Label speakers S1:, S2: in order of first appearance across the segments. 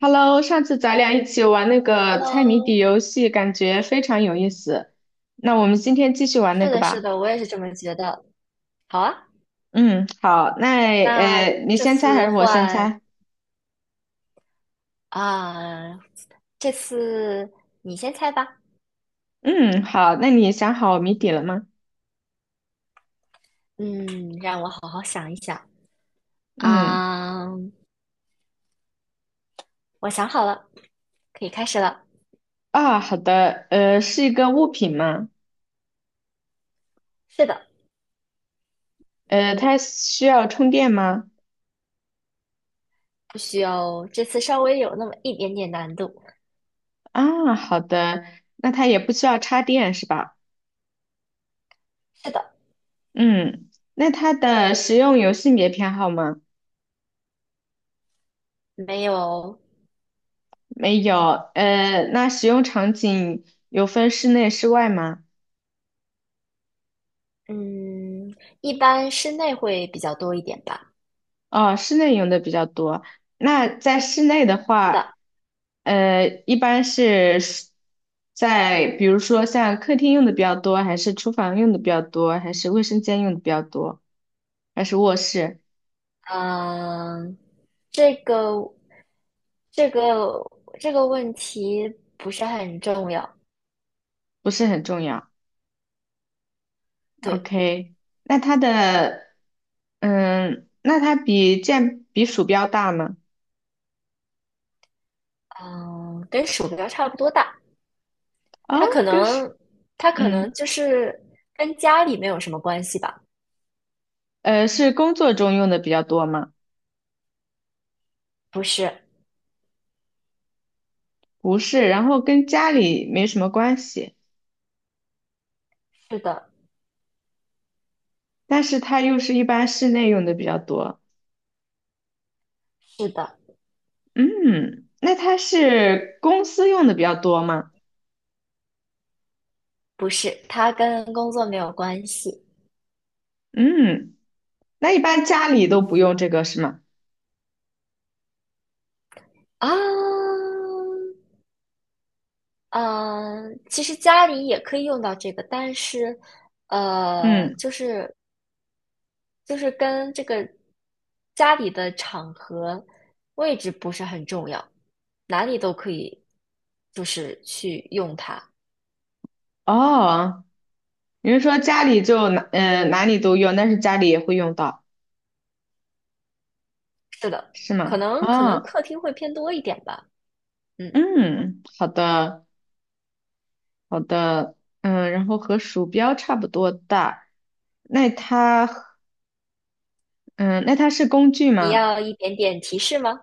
S1: Hello，上次咱俩一起玩那个猜谜底
S2: Hello，
S1: 游戏，感觉非常有意思。那我们今天继续玩那
S2: 是
S1: 个
S2: 的，是
S1: 吧。
S2: 的，我也是这么觉得。好啊，
S1: 嗯，好，那
S2: 那
S1: 你
S2: 这
S1: 先猜还
S2: 次
S1: 是我先
S2: 换
S1: 猜？
S2: 啊，这次你先猜吧。
S1: 嗯，好，那你想好谜底了吗？
S2: 嗯，让我好好想一想
S1: 嗯，
S2: 啊，我想好了，可以开始了。
S1: 啊，好的，是一个物品吗？
S2: 是的，
S1: 它需要充电吗？
S2: 不需要，这次稍微有那么一点点难度。
S1: 啊，好的，那它也不需要插电是吧？
S2: 是的，
S1: 嗯，那它的使用有性别偏好吗？
S2: 没有，
S1: 没有，那使用场景有分室内、室外吗？
S2: 嗯，一般室内会比较多一点吧。
S1: 哦，室内用的比较多。那在室内的
S2: 是
S1: 话，
S2: 的，
S1: 一般是在比如说像客厅用的比较多，还是厨房用的比较多，还是卫生间用的比较多，还是卧室？
S2: 嗯，这个这个这个问题不是很重要，
S1: 不是很重要。
S2: 对，
S1: OK，那它的，那它比鼠标大吗？
S2: 嗯，跟鼠标差不多大，它可
S1: 哦，跟是，
S2: 能它可能
S1: 嗯，
S2: 就是跟家里没有什么关系吧？
S1: 是工作中用的比较多吗？
S2: 不是，
S1: 不是，然后跟家里没什么关系，
S2: 是的，
S1: 但是它又是一般室内用的比较多。
S2: 是的，
S1: 嗯，那它是公司用的比较多吗？
S2: 不是，它跟工作没有关系
S1: 嗯，那一般家里都不用这个是吗？
S2: 啊，嗯，其实家里也可以用到这个，但是呃，
S1: 嗯，
S2: 就是就是跟这个家里的场合、位置不是很重要，哪里都可以，就是去用它。
S1: 哦，你是说家里就哪里都用，但是家里也会用到
S2: 是的，
S1: 是
S2: 可
S1: 吗？
S2: 能可能
S1: 哦，
S2: 客厅会偏多一点吧。嗯，
S1: 嗯，好的好的，嗯，然后和鼠标差不多大，那它和嗯那它是工具
S2: 你
S1: 吗？
S2: 要一点点提示吗？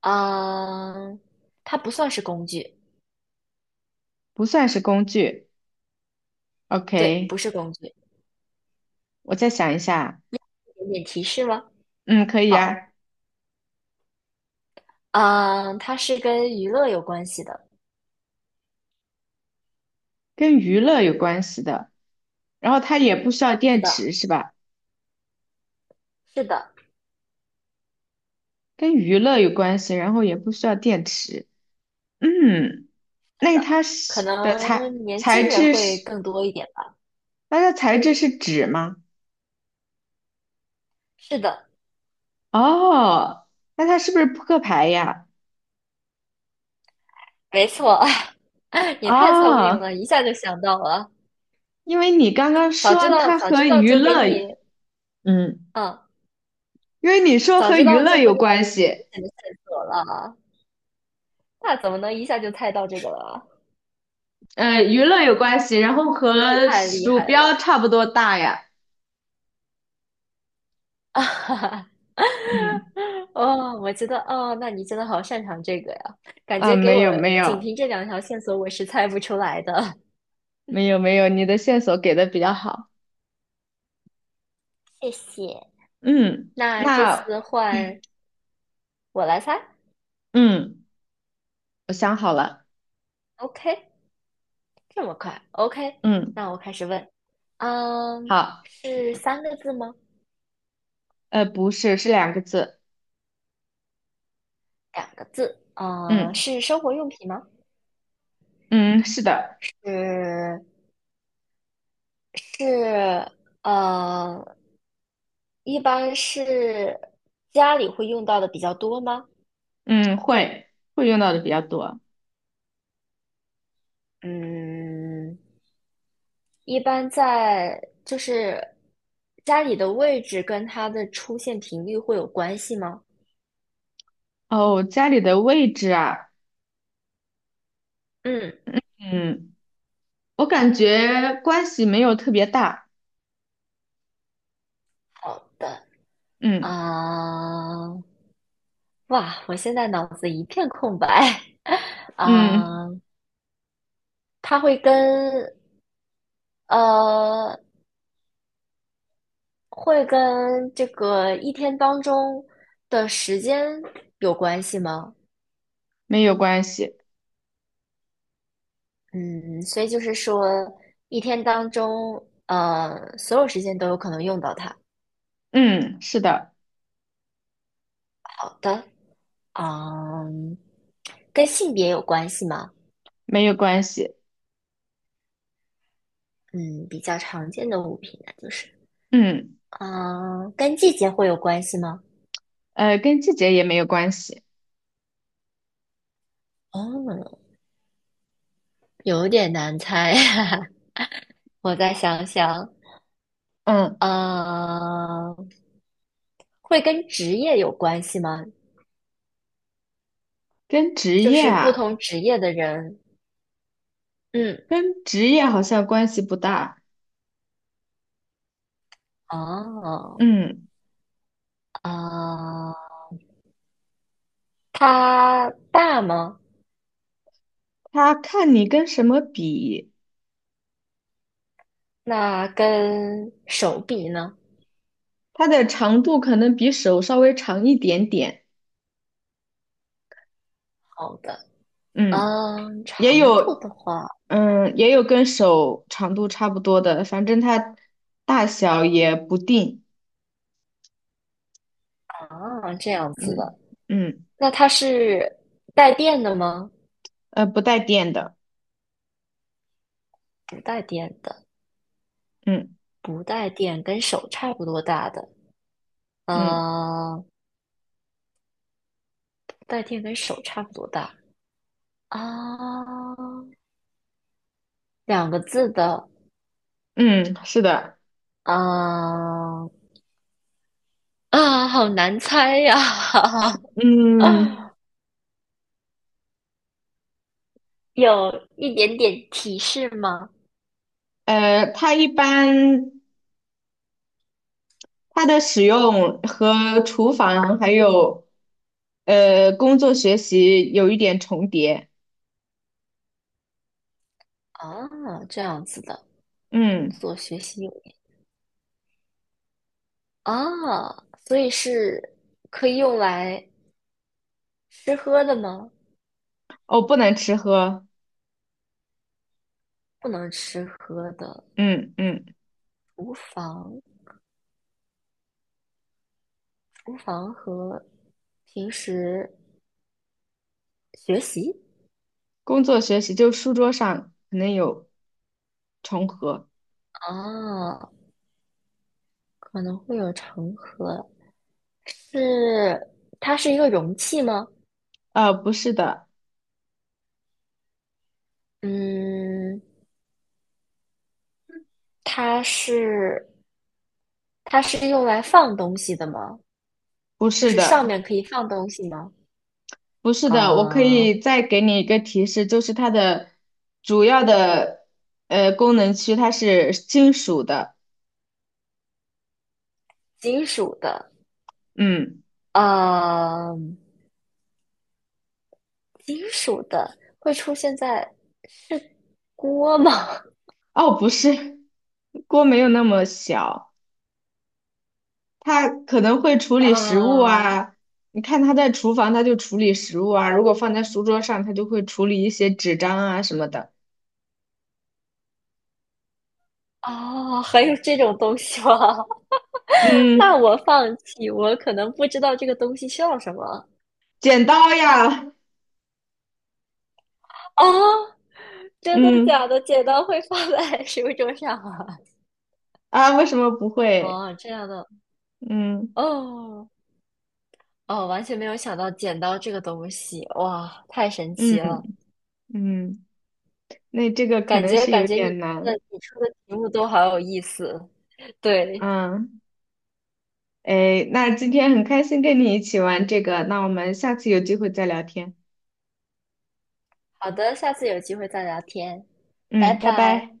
S2: 嗯，它不算是工具，
S1: 不算是工具。
S2: 对，
S1: OK，
S2: 不是工具，一
S1: 我再想一下，
S2: 点点提示吗？
S1: 嗯，可以
S2: 好，
S1: 啊，
S2: 嗯，它是跟娱乐有关系的。
S1: 跟娱乐有关系的，然后它也不需要
S2: 是
S1: 电
S2: 的，
S1: 池是吧？
S2: 是的，
S1: 跟娱乐有关系，然后也不需要电池。嗯，那它
S2: 可
S1: 是的材
S2: 能年
S1: 材
S2: 轻人
S1: 质
S2: 会
S1: 是，
S2: 更多一点吧。
S1: 那它材质是纸吗？
S2: 是的，
S1: 哦，那它是不是扑克牌呀？
S2: 没错，你太聪明
S1: 哦，
S2: 了，一下就想到了。
S1: 因为你刚刚说它
S2: 早
S1: 和
S2: 知道
S1: 娱
S2: 就给
S1: 乐，
S2: 你，
S1: 嗯，
S2: 嗯，
S1: 因为你说
S2: 早
S1: 和
S2: 知
S1: 娱
S2: 道
S1: 乐
S2: 就不给
S1: 有
S2: 你
S1: 关
S2: 明
S1: 系，
S2: 显的线索了。那怎么能一下就猜到这个了？
S1: 娱乐有关系，然后
S2: 真的是
S1: 和
S2: 太厉
S1: 鼠
S2: 害
S1: 标
S2: 了！
S1: 差不多大呀。
S2: 啊！
S1: 嗯
S2: 哦，我觉得，哦，那你真的好擅长这个呀，感
S1: 啊，
S2: 觉给
S1: 没
S2: 我
S1: 有没
S2: 仅
S1: 有
S2: 凭这两条线索，我是猜不出来的。
S1: 没有没有，你的线索给的比较好。
S2: 谢谢。
S1: 嗯，
S2: 那这
S1: 那
S2: 次换我来猜
S1: 嗯，我想好了。
S2: ，OK。这么快？OK，
S1: 嗯，
S2: 那我开始问。嗯，
S1: 好，
S2: 是三个字吗？
S1: 不是，是两个字。
S2: 两个字。呃，
S1: 嗯
S2: 是生活用品吗？
S1: 嗯，是的，
S2: 是是呃，一般是家里会用到的比较多吗？
S1: 嗯，会用到的比较多。
S2: 嗯，一般在就是家里的位置跟它的出现频率会有关系吗？
S1: 哦，家里的位置啊，
S2: 嗯，
S1: 嗯，我感觉关系没有特别大。
S2: 好的。
S1: 嗯
S2: 啊、哇，我现在脑子一片空白。
S1: 嗯，
S2: 啊、它会跟呃，会跟这个一天当中的时间有关系吗？
S1: 没有关系。
S2: 嗯，所以就是说，一天当中，所有时间都有可能用到它。
S1: 嗯，是的，
S2: 好的，嗯，跟性别有关系吗？
S1: 没有关系。
S2: 嗯，比较常见的物品那就是，
S1: 嗯，
S2: 嗯，跟季节会有关系吗？
S1: 跟季节也没有关系。
S2: 哦，有点难猜，我再想想，
S1: 嗯，
S2: 嗯。会跟职业有关系吗？
S1: 跟职
S2: 就
S1: 业
S2: 是不
S1: 啊。
S2: 同职业的人，嗯，
S1: 跟职业好像关系不大。
S2: 哦，
S1: 嗯，
S2: 啊，它大吗？
S1: 它看你跟什么比，
S2: 那跟手比呢？
S1: 它的长度可能比手稍微长一点点。
S2: 好的，
S1: 嗯，
S2: 嗯，
S1: 也
S2: 长度的
S1: 有，
S2: 话，
S1: 也有跟手长度差不多的，反正它大小也不定。
S2: 啊，这样子的，
S1: 嗯嗯，
S2: 那它是带电的吗？
S1: 不带电的。
S2: 不带电的，
S1: 嗯
S2: 不带电，跟手差不多大的，
S1: 嗯
S2: 呃，不带电跟手差不多大啊，两个字的，
S1: 嗯，是的。
S2: 啊，啊，好难猜呀、
S1: 嗯，
S2: 有一点点提示吗？
S1: 它一般它的使用和厨房还有工作学习有一点重叠。
S2: 啊，这样子的，工
S1: 嗯，
S2: 作学习有啊，所以是可以用来吃喝的吗？
S1: 哦，不能吃喝。
S2: 不能吃喝的，
S1: 嗯嗯，
S2: 厨房，厨房和平时学习
S1: 工作学习就书桌上可能有重合。
S2: 啊，可能会有成盒，是它是一个容器吗？
S1: 不是的，
S2: 嗯，它是它是用来放东西的吗？
S1: 不
S2: 就
S1: 是
S2: 是上
S1: 的，
S2: 面可以放东西吗？
S1: 不是的。我可
S2: 啊、
S1: 以再给你一个提示，就是它的主要的功能区它是金属的。
S2: 金属的，
S1: 嗯，
S2: 啊、金属的会出现在锅吗？
S1: 哦，不是，锅没有那么小。他可能会处 理食物
S2: 啊、
S1: 啊，你看他在厨房，他就处理食物啊；如果放在书桌上，他就会处理一些纸张啊什么的。
S2: 哦，还有这种东西吗？那
S1: 嗯，
S2: 我放弃，我可能不知道这个东西叫什么
S1: 剪刀呀，
S2: 啊、真的
S1: 嗯
S2: 假的？剪刀会放在 食物桌上啊？
S1: 啊，为什么不会？
S2: 哦，这样的，
S1: 嗯
S2: 哦哦，完全没有想到剪刀这个东西，哇，太神
S1: 嗯
S2: 奇了。
S1: 嗯，那这个可
S2: 感
S1: 能
S2: 觉
S1: 是
S2: 感
S1: 有
S2: 觉
S1: 点难。
S2: 你出的题目都好有意思。对，
S1: 嗯，哎，那今天很开心跟你一起玩这个，那我们下次有机会再聊天。
S2: 好的，下次有机会再聊天，拜
S1: 嗯，拜
S2: 拜。
S1: 拜。